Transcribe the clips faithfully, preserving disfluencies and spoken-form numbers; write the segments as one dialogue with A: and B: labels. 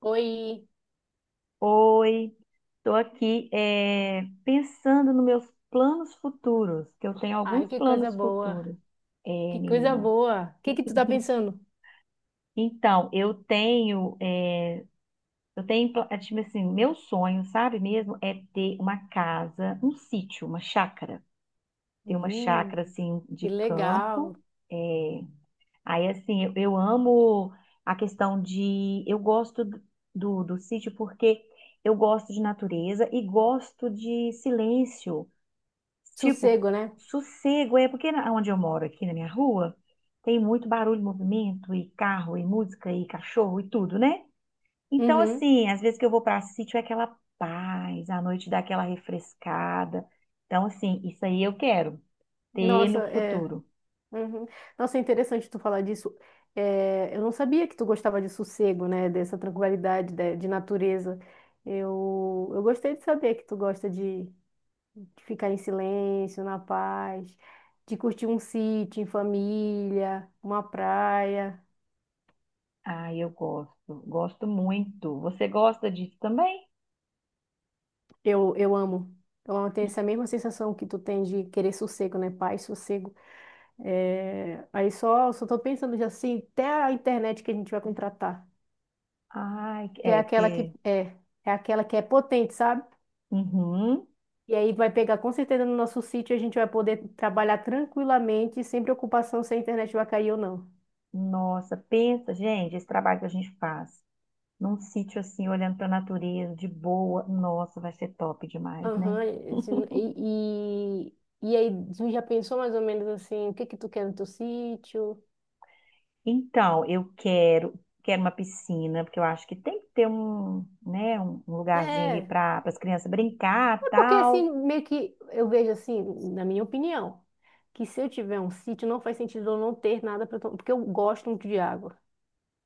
A: Oi.
B: Oi, estou aqui eh, pensando nos meus planos futuros, que eu tenho
A: Ai,
B: alguns
A: que coisa
B: planos
A: boa.
B: futuros, eh,
A: Que coisa
B: menina.
A: boa. O que que tu tá pensando?
B: Então, eu tenho, eh, eu tenho, pla- eh, tipo assim, meu sonho, sabe mesmo, é ter uma casa, um sítio, uma chácara. Ter uma
A: Hum,
B: chácara, assim,
A: que
B: de campo,
A: legal.
B: é. Aí, assim, eu, eu amo a questão de. Eu gosto do, do, do sítio porque eu gosto de natureza e gosto de silêncio. Tipo,
A: Sossego, né?
B: sossego. É porque na- onde eu moro, aqui na minha rua, tem muito barulho, movimento, e carro, e música, e cachorro, e tudo, né? Então,
A: Uhum.
B: assim, às vezes que eu vou para sítio é aquela paz, à noite dá aquela refrescada. Então, assim, isso aí eu quero ter
A: Nossa,
B: no
A: é.
B: futuro.
A: Uhum. Nossa, é interessante tu falar disso. É, eu não sabia que tu gostava de sossego, né? Dessa tranquilidade, de, de natureza. Eu, eu gostei de saber que tu gosta de, de ficar em silêncio, na paz, de curtir um sítio em família, uma praia.
B: Ah, eu gosto, gosto muito. Você gosta disso também?
A: Eu, eu amo. Então, eu amo ter essa mesma sensação que tu tem de querer sossego, né? Paz, sossego. É, aí só, só tô pensando já assim, até a internet que a gente vai contratar,
B: Ai,
A: que é
B: é,
A: aquela que
B: porque.
A: é, é aquela que é potente, sabe?
B: Uhum.
A: E aí vai pegar com certeza no nosso sítio, a gente vai poder trabalhar tranquilamente, sem preocupação se a internet vai cair ou não.
B: Nossa, pensa, gente, esse trabalho que a gente faz num sítio assim, olhando para a natureza, de boa, nossa, vai ser top demais, né?
A: Aham, e, e, e aí tu já pensou mais ou menos assim, o que que tu quer no teu sítio?
B: Então, eu quero, quero uma piscina, porque eu acho que tem que ter um, né, um um lugarzinho ali
A: É,
B: para as crianças brincar,
A: É porque assim,
B: tal.
A: meio que eu vejo assim, na minha opinião, que se eu tiver um sítio, não faz sentido eu não ter nada para tomar, porque eu gosto muito de água.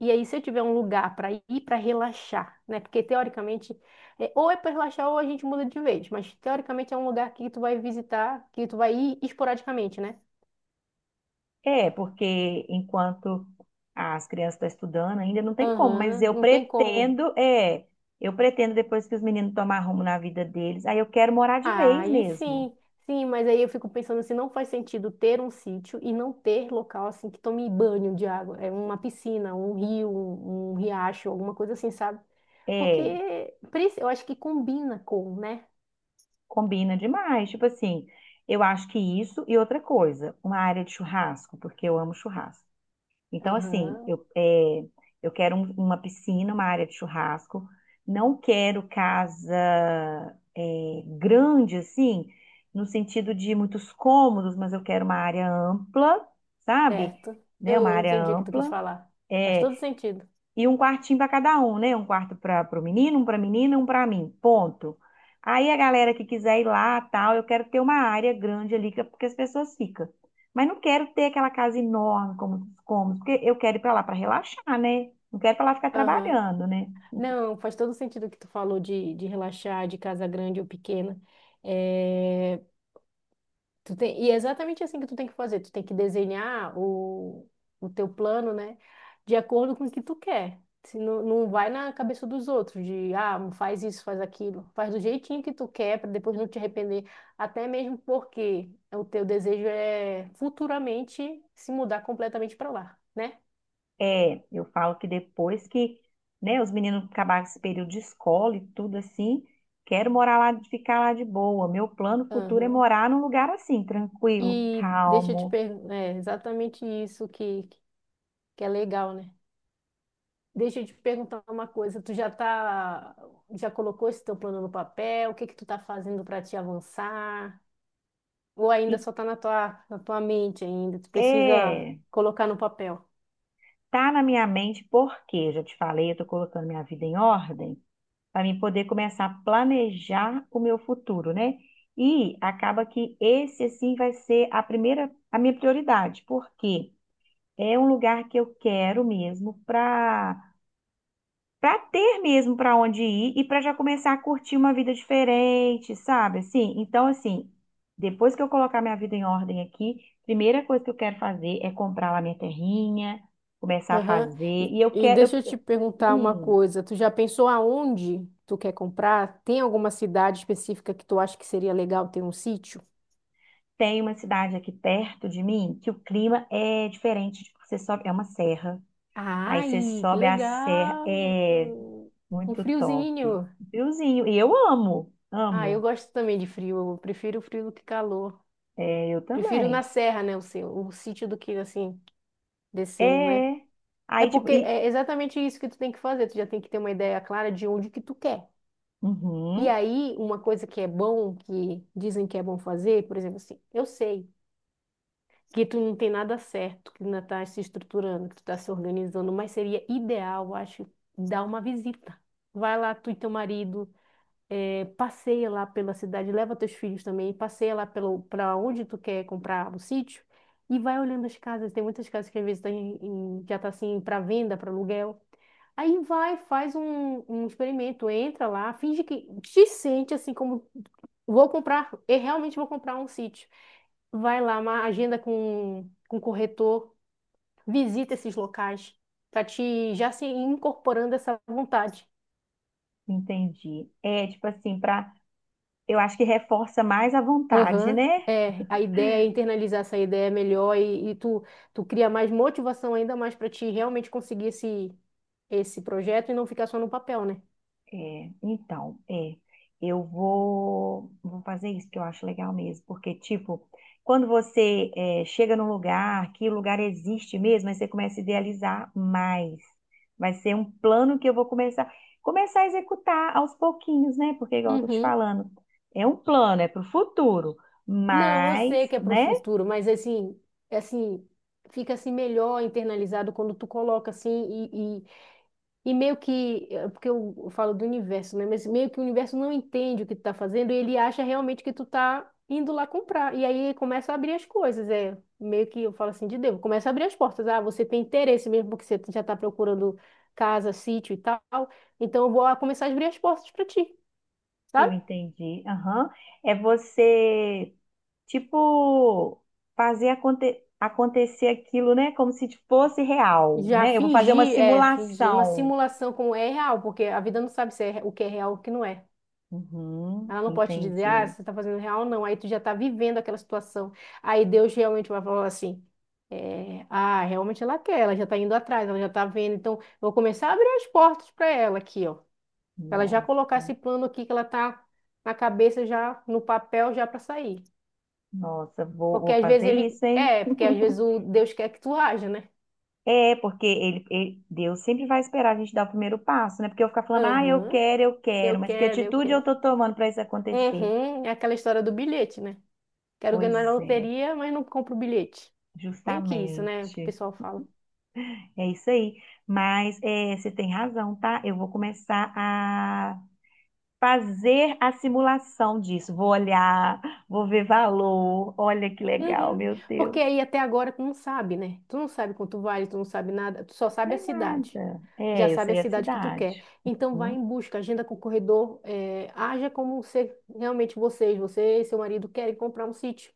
A: E aí, se eu tiver um lugar para ir para relaxar, né? Porque teoricamente, é, ou é para relaxar ou a gente muda de vez, mas teoricamente é um lugar que tu vai visitar, que tu vai ir esporadicamente, né?
B: É, porque enquanto as crianças estão estudando, ainda não tem como, mas
A: Aham,
B: eu
A: não tem como.
B: pretendo, é, eu pretendo depois que os meninos tomar rumo na vida deles, aí eu quero morar de
A: Ah,
B: vez
A: aí
B: mesmo.
A: sim, sim, mas aí eu fico pensando se não faz sentido ter um sítio e não ter local assim que tome banho de água, é uma piscina, um rio, um, um riacho, alguma coisa assim, sabe? Porque
B: É,
A: preci- eu acho que combina com, né?
B: combina demais, tipo assim, eu acho que isso e outra coisa, uma área de churrasco, porque eu amo churrasco. Então, assim,
A: Aham,
B: eu, é, eu quero um- uma piscina, uma área de churrasco. Não quero casa é, grande, assim, no sentido de muitos cômodos, mas eu quero uma área ampla, sabe?
A: certo.
B: Né? Uma
A: Eu
B: área
A: entendi o que tu quis
B: ampla.
A: falar. Faz
B: É,
A: todo sentido.
B: e um quartinho para cada um, né? Um quarto para o menino, um para a menina, um para mim. Ponto. Aí a galera que quiser ir lá, tal, eu quero ter uma área grande ali, que- é porque as pessoas ficam. Mas não quero ter aquela casa enorme, como os cômodos, porque eu quero ir para lá para relaxar, né? Não quero para lá ficar
A: Aham.
B: trabalhando, né?
A: Não, faz todo sentido o que tu falou de, de relaxar, de casa grande ou pequena. Eh, Tu tem, e é exatamente assim que tu tem que fazer. Tu tem que desenhar o, o teu plano, né? De acordo com o que tu quer. Se não, não vai na cabeça dos outros, de ah, faz isso, faz aquilo. Faz do jeitinho que tu quer, para depois não te arrepender. Até mesmo porque o teu desejo é futuramente se mudar completamente para lá, né?
B: É, eu falo que depois que, né, os meninos acabarem esse período de escola e tudo assim, quero morar lá, ficar lá de boa. Meu plano futuro é
A: Aham.
B: morar num lugar assim, tranquilo,
A: E deixa eu te
B: calmo.
A: perguntar, é exatamente isso que, que é legal, né? Deixa eu te perguntar uma coisa, tu já tá, já colocou esse teu plano no papel? O que que tu tá fazendo para te avançar? Ou ainda
B: E
A: só tá na tua, na tua mente ainda, tu precisa
B: é.
A: colocar no papel.
B: Tá na minha mente porque, já te falei, eu tô colocando minha vida em ordem para mim poder começar a planejar o meu futuro, né? E acaba que esse assim vai ser a primeira, a minha prioridade, porque é um lugar que eu quero mesmo para para ter mesmo para onde ir e para já começar a curtir uma vida diferente, sabe? Assim, então assim, depois que eu colocar minha vida em ordem aqui, primeira coisa que eu quero fazer é comprar lá minha terrinha começar a
A: Aham.
B: fazer.
A: E,
B: E eu
A: e
B: quero,
A: deixa eu
B: eu
A: te perguntar uma
B: Hum,
A: coisa, tu já pensou aonde tu quer comprar? Tem alguma cidade específica que tu acha que seria legal ter um sítio?
B: tem uma cidade aqui perto de mim que o clima é diferente. Tipo, você sobe, é uma serra. Aí você
A: Ai, que
B: sobe a serra,
A: legal!
B: é
A: Um
B: muito top.
A: friozinho.
B: Friozinho. E eu amo,
A: Ah, eu
B: amo.
A: gosto também de frio, eu prefiro o frio do que calor.
B: É, eu
A: Prefiro na
B: também.
A: serra, né? O seu, o sítio do que assim, descendo, né?
B: É.
A: É
B: Aí, tipo,
A: porque
B: e.
A: é exatamente isso que tu tem que fazer. Tu já tem que ter uma ideia clara de onde que tu quer. E
B: Uhum,
A: aí, uma coisa que é bom, que dizem que é bom fazer, por exemplo, assim, eu sei que tu não tem nada certo, que ainda tá se estruturando, que tu tá se organizando, mas seria ideal, eu acho, dar uma visita. Vai lá, tu e teu marido. É, passeia lá pela cidade, leva teus filhos também, passeia lá pelo para onde tu quer comprar o sítio e vai olhando as casas. Tem muitas casas que às vezes tá em, em- já tá assim para venda, para aluguel. Aí vai, faz um, um experimento, entra lá, finge que te sente assim como vou comprar, eu realmente vou comprar um sítio. Vai lá, uma agenda com com o corretor, visita esses locais para te já se incorporando essa vontade.
B: entendi. É, tipo assim, pra. Eu acho que reforça mais a vontade,
A: Aham,
B: né?
A: é, a ideia é internalizar essa ideia melhor e, e tu, tu cria mais motivação ainda mais para ti realmente conseguir esse, esse projeto e não ficar só no papel, né?
B: É, então, é, eu vou, vou fazer isso que eu acho legal mesmo, porque, tipo, quando você é, chega num lugar, que o lugar existe mesmo, aí você começa a idealizar mais. Vai ser um plano que eu vou começar, começar a executar aos pouquinhos, né? Porque, igual eu tô te
A: Uhum.
B: falando, é um plano, é pro futuro,
A: Não, eu
B: mas,
A: sei que é para o
B: né?
A: futuro, mas assim, assim, fica assim melhor internalizado quando tu coloca assim. E meio que, eh, porque eu eu falo do universo, né? Mas meio que o universo não entende o que tu tá fazendo e ele acha realmente que tu tá indo lá comprar. E aí começa a abrir as coisas, é. Meio que eu falo assim de Deus, começa a abrir as portas. Ah, você tem interesse mesmo porque você já tá procurando casa, sítio e tal. Então eu vou ah, começar a abrir as portas para ti,
B: Eu
A: sabe?
B: entendi. Aham. É você, tipo, fazer aconte- acontecer aquilo, né? Como se fosse real,
A: Já
B: né? Eu vou fazer uma
A: fingir, é, fingir uma
B: simulação.
A: simulação como é real, porque a vida não sabe se é re- o que é real ou o que não é.
B: Uhum,
A: Ela não pode te dizer, ah,
B: entendi.
A: você está fazendo real, não. Aí tu já está vivendo aquela situação. Aí Deus realmente vai falar assim, é, ah, realmente ela quer, ela já está indo atrás, ela já está vendo. Então, eu vou começar a abrir as portas para ela aqui, ó. Pra ela já colocar
B: Nossa,
A: esse plano aqui que ela tá na cabeça, já no papel, já para sair.
B: nossa, vou,
A: Porque
B: vou
A: às
B: fazer
A: vezes ele...
B: isso, hein?
A: É, porque às vezes o Deus quer que tu haja, né?
B: É, porque ele, ele- Deus sempre vai esperar a gente dar o primeiro passo, né? Porque eu ficar falando, ah, eu
A: Aham,
B: quero, eu quero,
A: eu
B: mas que
A: quero, eu
B: atitude eu
A: quero.
B: tô tomando para isso acontecer?
A: Uhum, é aquela história do bilhete, né? Quero ganhar na
B: Pois é,
A: loteria, mas não compro o bilhete. Meio que isso, né? O
B: justamente.
A: pessoal fala.
B: É isso aí. Mas é, você tem razão, tá? Eu vou começar a fazer a simulação disso. Vou olhar, vou ver valor. Olha que legal,
A: Uhum.
B: meu
A: Porque
B: Deus. Não
A: aí até agora tu não sabe, né? Tu não sabe quanto vale, tu não sabe nada, tu só sabe a
B: sei
A: cidade.
B: nada.
A: Já
B: É, eu
A: sabe a
B: sei a
A: cidade que tu
B: cidade.
A: quer. Então vai
B: Uhum,
A: em busca, agenda com o corredor, eh, haja como se realmente vocês, você e seu marido querem comprar um sítio.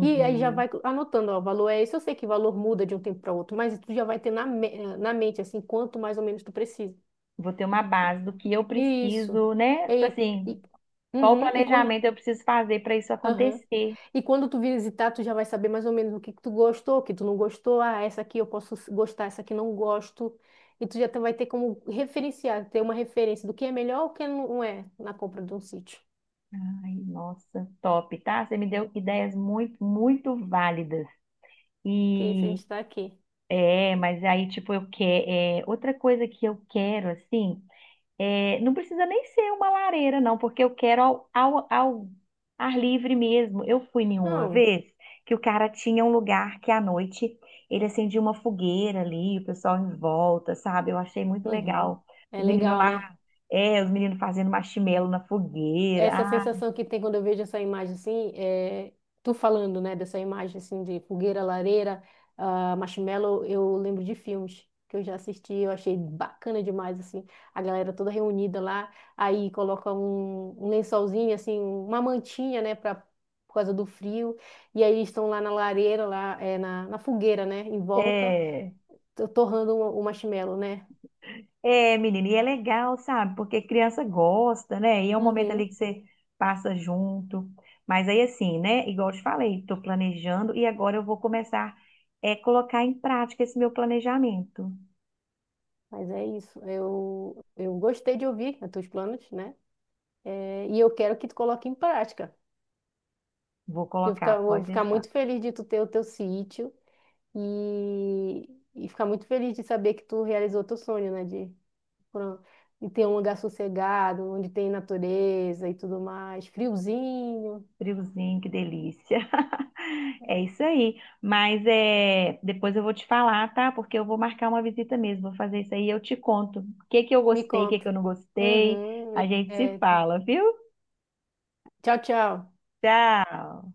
A: E aí já vai anotando, ó, o valor é esse, eu sei que o valor muda de um tempo para outro, mas tu já vai ter na, me- eh, na mente, assim, quanto mais ou menos tu precisa.
B: Vou ter uma base do que eu
A: Isso.
B: preciso, né? Tipo
A: E,
B: assim,
A: e,
B: qual o
A: uhum. E quando
B: planejamento eu preciso fazer para isso
A: Aham.
B: acontecer?
A: E quando tu visitar, tu já vai saber mais ou menos o que que tu gostou, o que tu não gostou. Ah, essa aqui eu posso s- gostar, essa aqui não gosto. E tu já tá- vai ter como referenciar, ter uma referência do que é melhor ou o que não é na compra de um sítio.
B: Ai, nossa, top, tá? Você me deu ideias muito, muito válidas.
A: Porque se a
B: E
A: gente tá aqui.
B: é, mas aí, tipo, eu quero. É, outra coisa que eu quero, assim, é, não precisa nem ser uma lareira, não, porque eu quero ao, ao, ao ar livre mesmo. Eu fui nenhuma
A: Não.
B: vez que o cara tinha um lugar que à noite ele acendia uma fogueira ali, o pessoal em volta, sabe? Eu achei muito
A: Uhum.
B: legal.
A: É
B: Os meninos
A: legal,
B: lá,
A: né?
B: é, os meninos fazendo marshmallow na fogueira.
A: Essa
B: Ah,
A: sensação que tem quando eu vejo essa imagem assim, é, tu falando, né, dessa imagem assim de fogueira, lareira, ah, marshmallow, eu lembro de filmes que eu já assisti, eu achei bacana demais assim, a galera toda reunida lá, aí coloca um, um lençolzinho assim, uma mantinha, né, para por causa do frio, e aí eles estão lá na lareira, lá é, na, na fogueira, né, em volta,
B: é.
A: to- torrando o, o marshmallow, né?
B: É, menina, e é legal, sabe? Porque criança gosta, né? E é um momento ali
A: Uhum.
B: que você passa junto. Mas aí, assim, né? Igual eu te falei, estou planejando e agora eu vou começar é, colocar em prática esse meu planejamento.
A: Mas é isso, eu, eu gostei de ouvir os teus planos, né? É, e eu quero que tu coloque em prática.
B: Vou
A: Porque eu
B: colocar,
A: fica- vou
B: pode
A: ficar
B: deixar.
A: muito feliz de tu ter o teu sítio e, e ficar muito feliz de saber que tu realizou teu sonho, né? De, pro- de ter um lugar sossegado, onde tem natureza e tudo mais, friozinho.
B: Friozinho, que delícia. É isso aí. Mas é, depois eu vou te falar, tá? Porque eu vou marcar uma visita mesmo. Vou fazer isso aí e eu te conto. O que que eu
A: Me
B: gostei, o que
A: conta.
B: que eu não gostei.
A: Uhum, eu-
B: A gente se
A: é,
B: fala, viu?
A: tchau, tchau.
B: Tchau.